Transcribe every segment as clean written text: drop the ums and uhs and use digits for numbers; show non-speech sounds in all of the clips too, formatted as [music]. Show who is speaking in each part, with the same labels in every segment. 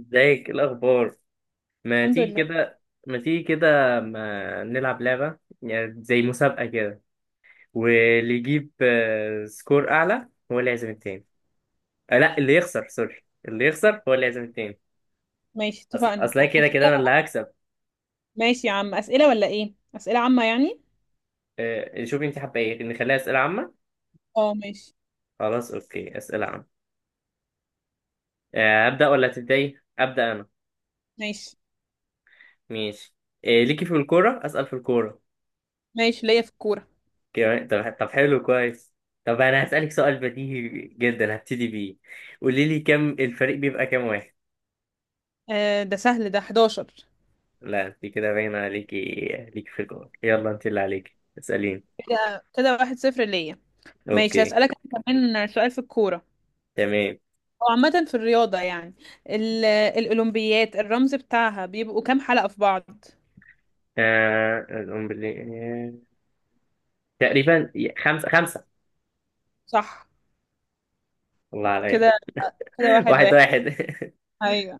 Speaker 1: ازيك؟ ايه الاخبار؟ ما
Speaker 2: الحمد
Speaker 1: تيجي
Speaker 2: لله.
Speaker 1: كده ما تيجي كده، ما نلعب لعبة؟ يعني زي مسابقة كده، واللي يجيب سكور اعلى هو اللي يعزم التاني. لا، اللي يخسر، سوري، اللي يخسر هو اللي يعزم التاني.
Speaker 2: ماشي، اتفقنا.
Speaker 1: اصل
Speaker 2: عن
Speaker 1: أنا كده
Speaker 2: أسئلة.
Speaker 1: كده انا اللي هكسب.
Speaker 2: ماشي يا عم، أسئلة ولا إيه؟ أسئلة عامة يعني؟
Speaker 1: شوفي، انت حابة ايه، نخليها اسئلة عامة؟
Speaker 2: اه، ماشي.
Speaker 1: خلاص اوكي، اسئلة عامة. ابدا ولا تبداي؟ ابدا انا.
Speaker 2: ماشي،
Speaker 1: ماشي. ليكي في الكورة، اسال في الكورة.
Speaker 2: ماشي ليا في الكورة.
Speaker 1: كمان، طب حلو، كويس. طب انا هسألك سؤال بديهي جدا هبتدي بيه. قولي لي، الفريق بيبقى كام واحد؟
Speaker 2: آه، ده سهل، ده 11.
Speaker 1: لا انت كده باين عليكي. ليكي في الجول. يلا انت، اللي عليكي اسأليني.
Speaker 2: كده كده 1-0 ليا. ماشي،
Speaker 1: اوكي.
Speaker 2: هسألك أنا كمان سؤال في الكورة
Speaker 1: تمام.
Speaker 2: أو عامة في الرياضة يعني. الأولمبيات الرمز بتاعها بيبقوا كام حلقة في بعض؟
Speaker 1: آه... أقوم باللي- تقريبا، 5-5.
Speaker 2: صح.
Speaker 1: الله عليك.
Speaker 2: كده كده
Speaker 1: [laughs]
Speaker 2: واحد
Speaker 1: واحد
Speaker 2: واحد
Speaker 1: واحد
Speaker 2: أيوه.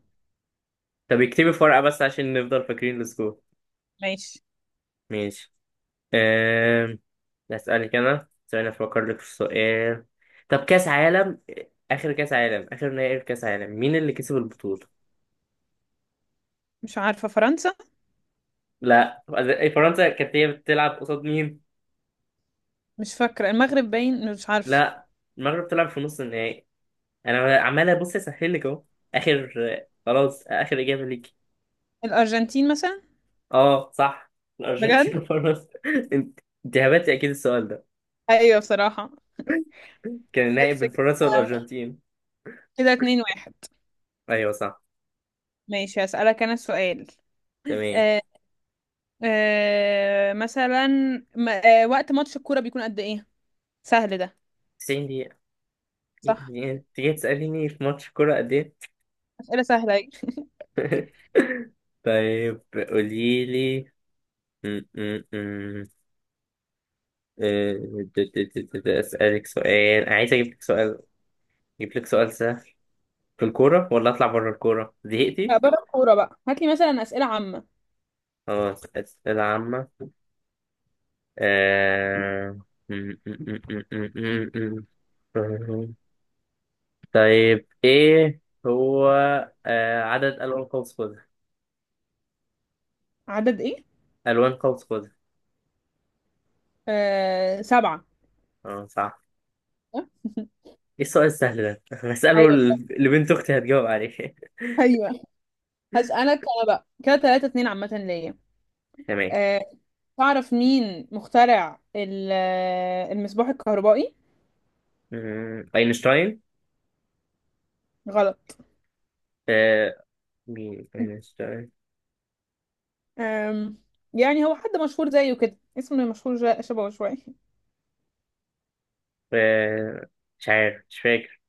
Speaker 1: [laughs] طب اكتبي في ورقة بس عشان نفضل فاكرين السكور.
Speaker 2: ماشي.
Speaker 1: ماشي. آم، أسألك أنا، ثواني أفكر لك في سؤال. طب كأس عالم آخر كأس عالم آخر نهائي كأس عالم مين اللي كسب البطولة؟
Speaker 2: مش عارفة، فرنسا.
Speaker 1: لا. فرنسا كانت هي بتلعب قصاد مين؟
Speaker 2: مش فاكرة، المغرب باين، مش عارفة.
Speaker 1: لا. المغرب بتلعب في نص النهائي. أنا عمال أبص أسهل لك أهو. آخر خلاص، آخر إجابة ليك.
Speaker 2: الأرجنتين مثلا.
Speaker 1: أه صح.
Speaker 2: بجد؟
Speaker 1: الأرجنتين وفرنسا. [laughs] أنت، أنت هبتي أكيد السؤال ده.
Speaker 2: أيوه بصراحة.
Speaker 1: كان النهائي
Speaker 2: بس
Speaker 1: بين
Speaker 2: كده.
Speaker 1: فرنسا والأرجنتين.
Speaker 2: كده 2-1.
Speaker 1: أيوه صح.
Speaker 2: ماشي هسألك أنا السؤال.
Speaker 1: تمام.
Speaker 2: آه. آه مثلا. وقت ماتش الكورة بيكون قد إيه؟ سهل ده.
Speaker 1: 90 دقيقة.
Speaker 2: صح.
Speaker 1: إيه؟ أنت جاي تسأليني في ماتش كورة قد إيه؟
Speaker 2: أسئلة سهلة أهي.
Speaker 1: [laughs] طيب. قولي لي. م- م- م. آه، د- د- د- د- د- أسألك سؤال، عايز أجيب لك سؤال أجيب لك سؤال سهل. في الكورة ولا أطلع بره الكورة؟ زهقتي؟
Speaker 2: [laughs] بره الكورة بقى، هات لي مثلا أسئلة عامة.
Speaker 1: خلاص، أسئلة عامة. آه، م- م- م- م- م- م- م. طيب، إيه هو، عدد ألوان قوس قزح.
Speaker 2: عدد إيه؟
Speaker 1: ألوان قوس قزح.
Speaker 2: آه، سبعة.
Speaker 1: اه صح.
Speaker 2: [laughs]
Speaker 1: إيه السؤال السهل ده؟ [laughs] هسأله
Speaker 2: أيوه،
Speaker 1: لبنت أختي هتجاوب عليه.
Speaker 2: أيوه، هسألك أنا بقى كده 3-2 عامة ليا.
Speaker 1: [laughs] تمام.
Speaker 2: آه، تعرف مين مخترع المصباح الكهربائي؟
Speaker 1: اينشتاين.
Speaker 2: غلط.
Speaker 1: آه، مين اينشتاين.
Speaker 2: آم، يعني هو حد مشهور زيه كده، اسمه مشهور شبهه شوية. [laughs]
Speaker 1: آه، مش عارف، مش فاكر.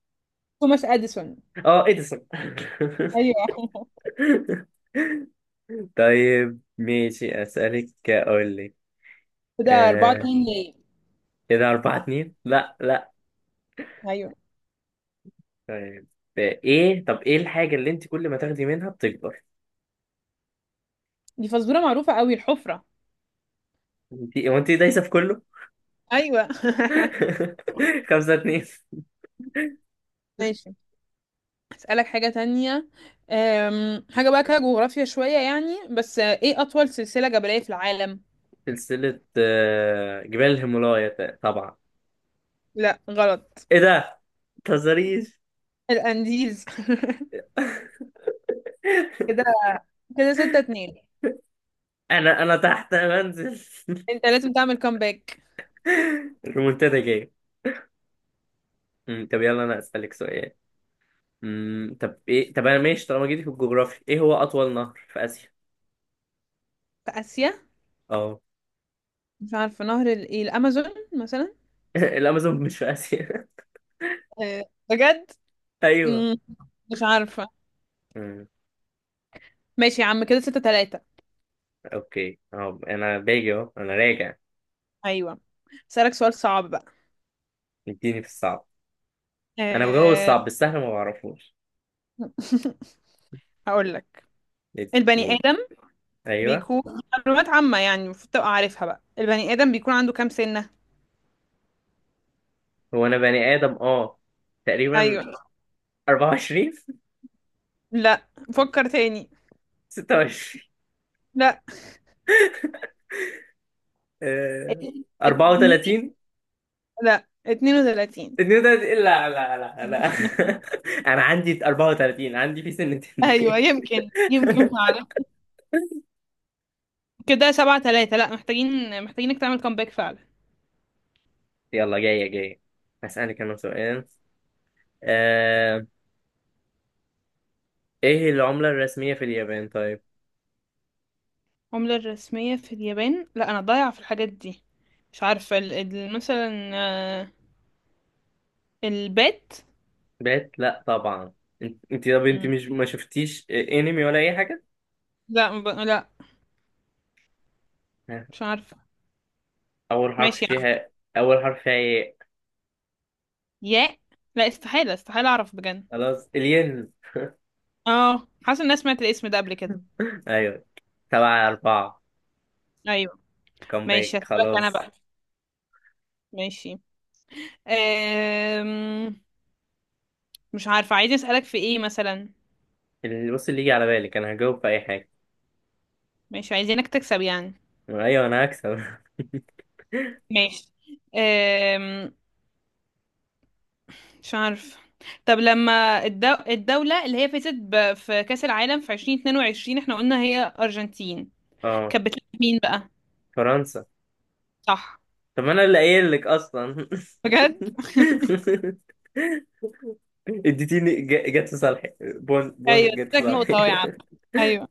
Speaker 2: توماس أديسون.
Speaker 1: اه، اديسون.
Speaker 2: ايوه.
Speaker 1: [laughs] طيب، ماشي، اسالك، اقول لك.
Speaker 2: [laughs] ده 4
Speaker 1: آه،
Speaker 2: 2 ليه.
Speaker 1: كده 4-2. لا لا.
Speaker 2: ايوه
Speaker 1: طيب. ايه الحاجة اللي انت كل ما تاخدي منها بتكبر؟
Speaker 2: دي فزوره معروفه قوي، الحفره.
Speaker 1: انت، هو انت دايسة في كله.
Speaker 2: ايوه.
Speaker 1: [laughs] 5-2.
Speaker 2: [laughs] ماشي، اسالك حاجه تانية. حاجه بقى كده جغرافيا شويه يعني، بس ايه اطول سلسله جبليه في العالم؟
Speaker 1: سلسلة جبال الهيمالايا، طبعا.
Speaker 2: لا غلط.
Speaker 1: ايه ده، متهزريش.
Speaker 2: الانديز. [laughs] كده. كده 6-2.
Speaker 1: انا تحت يا منزل.
Speaker 2: انت لازم تعمل كومباك.
Speaker 1: [laughs] المنتدى جاي. طب يلا انا اسالك سؤال. أمم، طب ايه طب انا ماشي، طالما جيتي في الجغرافيا، ايه هو اطول نهر في اسيا؟
Speaker 2: في اسيا.
Speaker 1: اه.
Speaker 2: مش عارفه، نهر الايه؟ الامازون مثلا.
Speaker 1: [laughs] الامازون مش في اسيا.
Speaker 2: آه. بجد.
Speaker 1: [laughs] ايوه.
Speaker 2: مم، مش عارفه.
Speaker 1: أمم،
Speaker 2: ماشي يا عم، كده 6-3.
Speaker 1: اوكي. اه، انا باجي اهو، انا راجع.
Speaker 2: ايوه، اسالك سؤال صعب بقى.
Speaker 1: اديني في الصعب. انا بجاوب
Speaker 2: آه،
Speaker 1: الصعب بالسهل، ما بعرفوش.
Speaker 2: [laughs] هقول لك. البني
Speaker 1: قول.
Speaker 2: آدم
Speaker 1: ايوه.
Speaker 2: بيكون، معلومات عامة يعني المفروض تبقى عارفها بقى، البني آدم بيكون عنده كام سنة؟
Speaker 1: هو انا بني ادم؟ اه. تقريبا.
Speaker 2: ايوه.
Speaker 1: 24.
Speaker 2: لا فكر تاني.
Speaker 1: 26.
Speaker 2: لا.
Speaker 1: [laughs] آه،
Speaker 2: اتنين.
Speaker 1: 34.
Speaker 2: لا 32.
Speaker 1: النيو ده، لا لا لا لا. [laughs] انا عندي 34، عندي في سن
Speaker 2: ايوه
Speaker 1: التنين.
Speaker 2: يمكن يمكن فعلا. كده 7-3. لا، محتاجينك تعمل كومباك فعلا.
Speaker 1: يلا، جاية جاية. هسألك انا سؤال. آه... ايه العملة الرسمية في اليابان؟ طيب.
Speaker 2: العملة الرسمية في اليابان؟ لا انا ضايعة في الحاجات دي. مش عارفة مثلا البات.
Speaker 1: بات؟ لا طبعا. انت- طب انت
Speaker 2: مم.
Speaker 1: مش ما شفتيش انمي ولا اي حاجة؟
Speaker 2: لا، لا.
Speaker 1: ها،
Speaker 2: مش عارفة.
Speaker 1: اول حرف
Speaker 2: ماشي يا عم.
Speaker 1: فيها اول حرف فيها ايه؟
Speaker 2: ياء. لا، استحالة استحالة اعرف بجد.
Speaker 1: خلاص، الين.
Speaker 2: اه، حاسه اني سمعت الاسم ده قبل كده.
Speaker 1: [laughs] ايوه. 7-4.
Speaker 2: ايوه. ماشي
Speaker 1: باك،
Speaker 2: هسألك انا
Speaker 1: خلاص.
Speaker 2: بقى. ماشي. أم... مش عارفه، عايزه اسألك في ايه مثلا.
Speaker 1: اللي يجي على بالك انا هجاوب في اي حاجة.
Speaker 2: ماشي، عايزينك تكسب يعني.
Speaker 1: ايوه انا هكسب.
Speaker 2: ماشي. أم... مش عارفه. طب لما الدولة اللي هي فازت في كأس العالم في 2022، احنا قلنا هي أرجنتين.
Speaker 1: [laughs] اه.
Speaker 2: كانت بتلعب مين بقى؟
Speaker 1: فرنسا.
Speaker 2: صح.
Speaker 1: طب انا اللي قايل لك اصلا.
Speaker 2: بجد.
Speaker 1: [laughs] اديتيني جت في صالحي، بوند بوند
Speaker 2: ايوه
Speaker 1: جت في
Speaker 2: اديتك
Speaker 1: صالحي.
Speaker 2: نقطة اهو يا عم. ايوه.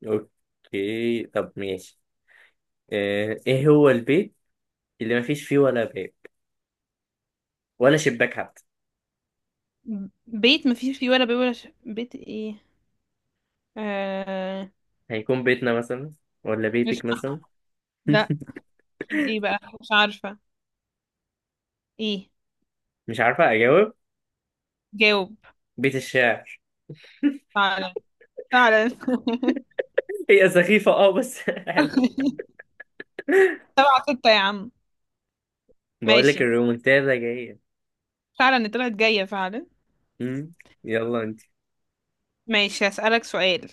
Speaker 1: [laughs] اوكي، طب ماشي. ايه هو البيت اللي ما فيش فيه ولا باب ولا شباك حتى؟
Speaker 2: بيت مفيش فيه ولا ولا بيت ايه. آه...
Speaker 1: هيكون بيتنا مثلا، ولا
Speaker 2: مش
Speaker 1: بيتك مثلا.
Speaker 2: لا. أكيد إيه بقى، مش عارفة. إيه.
Speaker 1: [laughs] مش عارفة اجاوب.
Speaker 2: جاوب.
Speaker 1: بيت الشعر.
Speaker 2: فعلا. فعلا. [laughs]
Speaker 1: [laughs] هي سخيفة، اه، بس [laughs] حلو.
Speaker 2: 7-6 يا عم.
Speaker 1: بقول
Speaker 2: ماشي.
Speaker 1: لك الريمونتادا جاية.
Speaker 2: فعلا طلعت جاية فعلا.
Speaker 1: مم. يلا انت.
Speaker 2: ماشي، هسألك سؤال.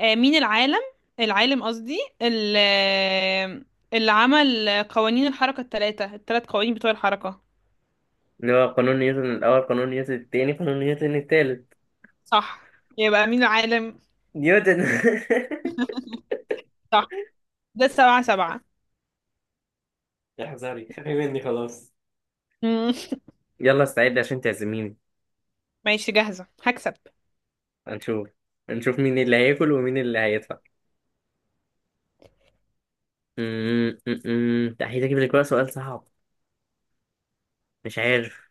Speaker 2: مين العالم، العالم قصدي اللي عمل قوانين الحركة الثلاث قوانين بتوع الحركة.
Speaker 1: اللي هو قانون نيوتن الاول، قانون نيوتن التاني، قانون نيوتن التالت.
Speaker 2: صح. يبقى مين العالم؟
Speaker 1: نيوتن. [laughs]
Speaker 2: صح. ده السبعة سبعة.
Speaker 1: احذري، خافي مني خلاص.
Speaker 2: مم.
Speaker 1: يلا استعد عشان تعزميني.
Speaker 2: ماشي، جاهزة، هكسب.
Speaker 1: هنشوف. هنشوف مين اللي هياكل ومين اللي هيدفع. أمم، أمم. لا، هجيب لك بقى سؤال صعب. مش عارف،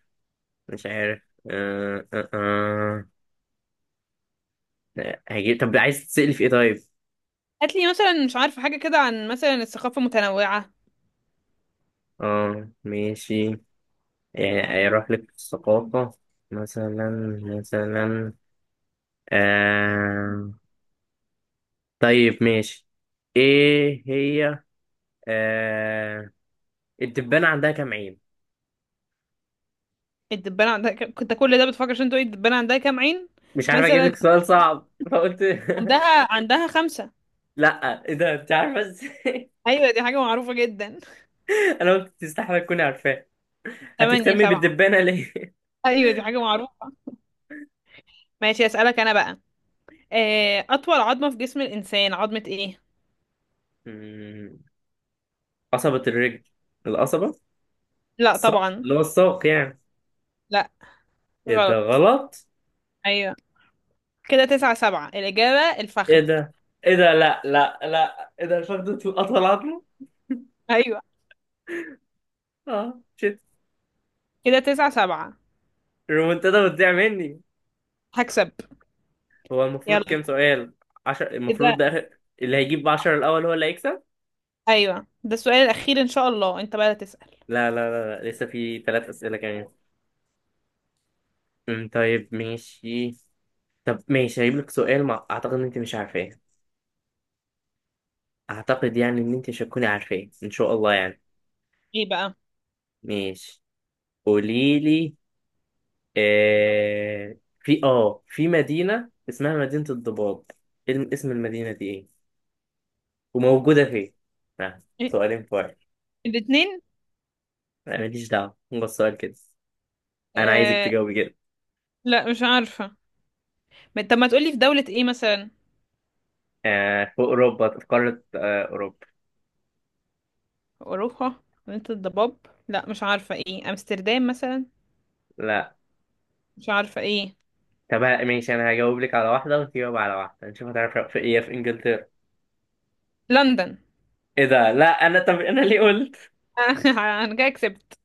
Speaker 1: مش عارف. أه أه أه. هجيب، طب عايز تسألي في ايه طيب.
Speaker 2: هاتلي مثلا مش عارفة حاجة كده، عن مثلا الثقافة المتنوعة.
Speaker 1: اه، ماشي. يعني هيروح لك في الثقافة. مثلا مثلا. آه... طيب، ماشي. ايه هي؟ آه... الدبانة عندها كام عين؟
Speaker 2: الدبانة عندها كنت كل ده بتفكر عشان تقولي الدبانة عندها كام عين؟
Speaker 1: مش عارف اجيب
Speaker 2: مثلا.
Speaker 1: لك سؤال صعب فقلت. [laughs]
Speaker 2: عندها خمسة.
Speaker 1: لا ايه ده، انت عارفه ازاي؟
Speaker 2: أيوة دي حاجة معروفة جدا.
Speaker 1: [laughs] انا قلت تستحمل تكوني عارفاه.
Speaker 2: [laughs] تمانية
Speaker 1: هتهتمي
Speaker 2: سبعة
Speaker 1: بالدبانه ليه؟ [laughs]
Speaker 2: أيوة دي حاجة معروفة. ماشي، أسألك أنا بقى. أطول عظمة في جسم الإنسان، عظمة إيه؟
Speaker 1: مم، قصبة الرجل. القصبة.
Speaker 2: لا
Speaker 1: الساق،
Speaker 2: طبعا.
Speaker 1: اللي هو الساق يعني.
Speaker 2: لا
Speaker 1: ايه ده،
Speaker 2: غلط.
Speaker 1: غلط؟
Speaker 2: أيوة. كده 9-7. الإجابة
Speaker 1: ايه
Speaker 2: الفخذ.
Speaker 1: ده، ايه ده، لا لا لا، ايه ده، الفخذ اطول عظمه؟
Speaker 2: أيوة
Speaker 1: اه شت.
Speaker 2: كده 9-7.
Speaker 1: الرومنتادا بتضيع مني.
Speaker 2: هكسب.
Speaker 1: هو المفروض
Speaker 2: يلا.
Speaker 1: كام سؤال؟ 10، المفروض
Speaker 2: كده.
Speaker 1: ده اللي هيجيب 10 الاول هو اللي هيكسب.
Speaker 2: أيوة ده السؤال الأخير إن شاء الله، أنت بقى تسأل.
Speaker 1: لا لا لا, لا. لسه في 3 اسئله كمان. طيب ماشي. طب ماشي، هجيب لك سؤال ما اعتقد ان انت مش عارفاه. اعتقد يعني ان انت مش هتكوني عارفاه ان شاء الله يعني.
Speaker 2: إيه بقى؟
Speaker 1: ماشي، قولي لي. في مدينة اسمها مدينة الضباب. إيه اسم المدينة دي ايه، وموجودة فين؟
Speaker 2: إيه؟
Speaker 1: سؤالين فرق.
Speaker 2: الاتنين؟
Speaker 1: ماليش دعوة، هو السؤال كده. انا عايزك
Speaker 2: آه...
Speaker 1: تجاوبي كده.
Speaker 2: لا مش عارفة. طب ما تقولي في دولة ايه مثلا.
Speaker 1: في اوروبا، في قارة اوروبا.
Speaker 2: اوروبا، مدينة الضباب. لا مش عارفة ايه، امستردام مثلا.
Speaker 1: لا.
Speaker 2: مش عارفة ايه.
Speaker 1: طب ماشي، انا هجاوب لك على واحدة وتجاوب على واحدة، نشوف هتعرف في ايه. في انجلترا.
Speaker 2: لندن.
Speaker 1: ايه ده، لا طب انا ليه قلت.
Speaker 2: [laughs] انا كده كسبت.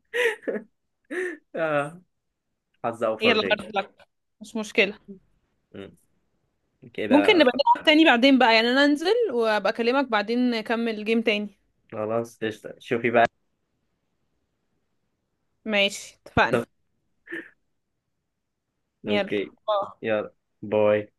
Speaker 1: اه. حظ اوفر
Speaker 2: يلا
Speaker 1: ليه.
Speaker 2: هارد لك، مش مشكلة.
Speaker 1: مم.
Speaker 2: ممكن
Speaker 1: كده
Speaker 2: نبقى
Speaker 1: خ-
Speaker 2: نلعب تاني بعدين بقى يعني، انا انزل وابقى اكلمك بعدين، نكمل جيم تاني.
Speaker 1: خلاص قشطة، شوفي بقى.
Speaker 2: ماشي اتفقنا. يلا.
Speaker 1: اوكي،
Speaker 2: باي.
Speaker 1: يلا، باي.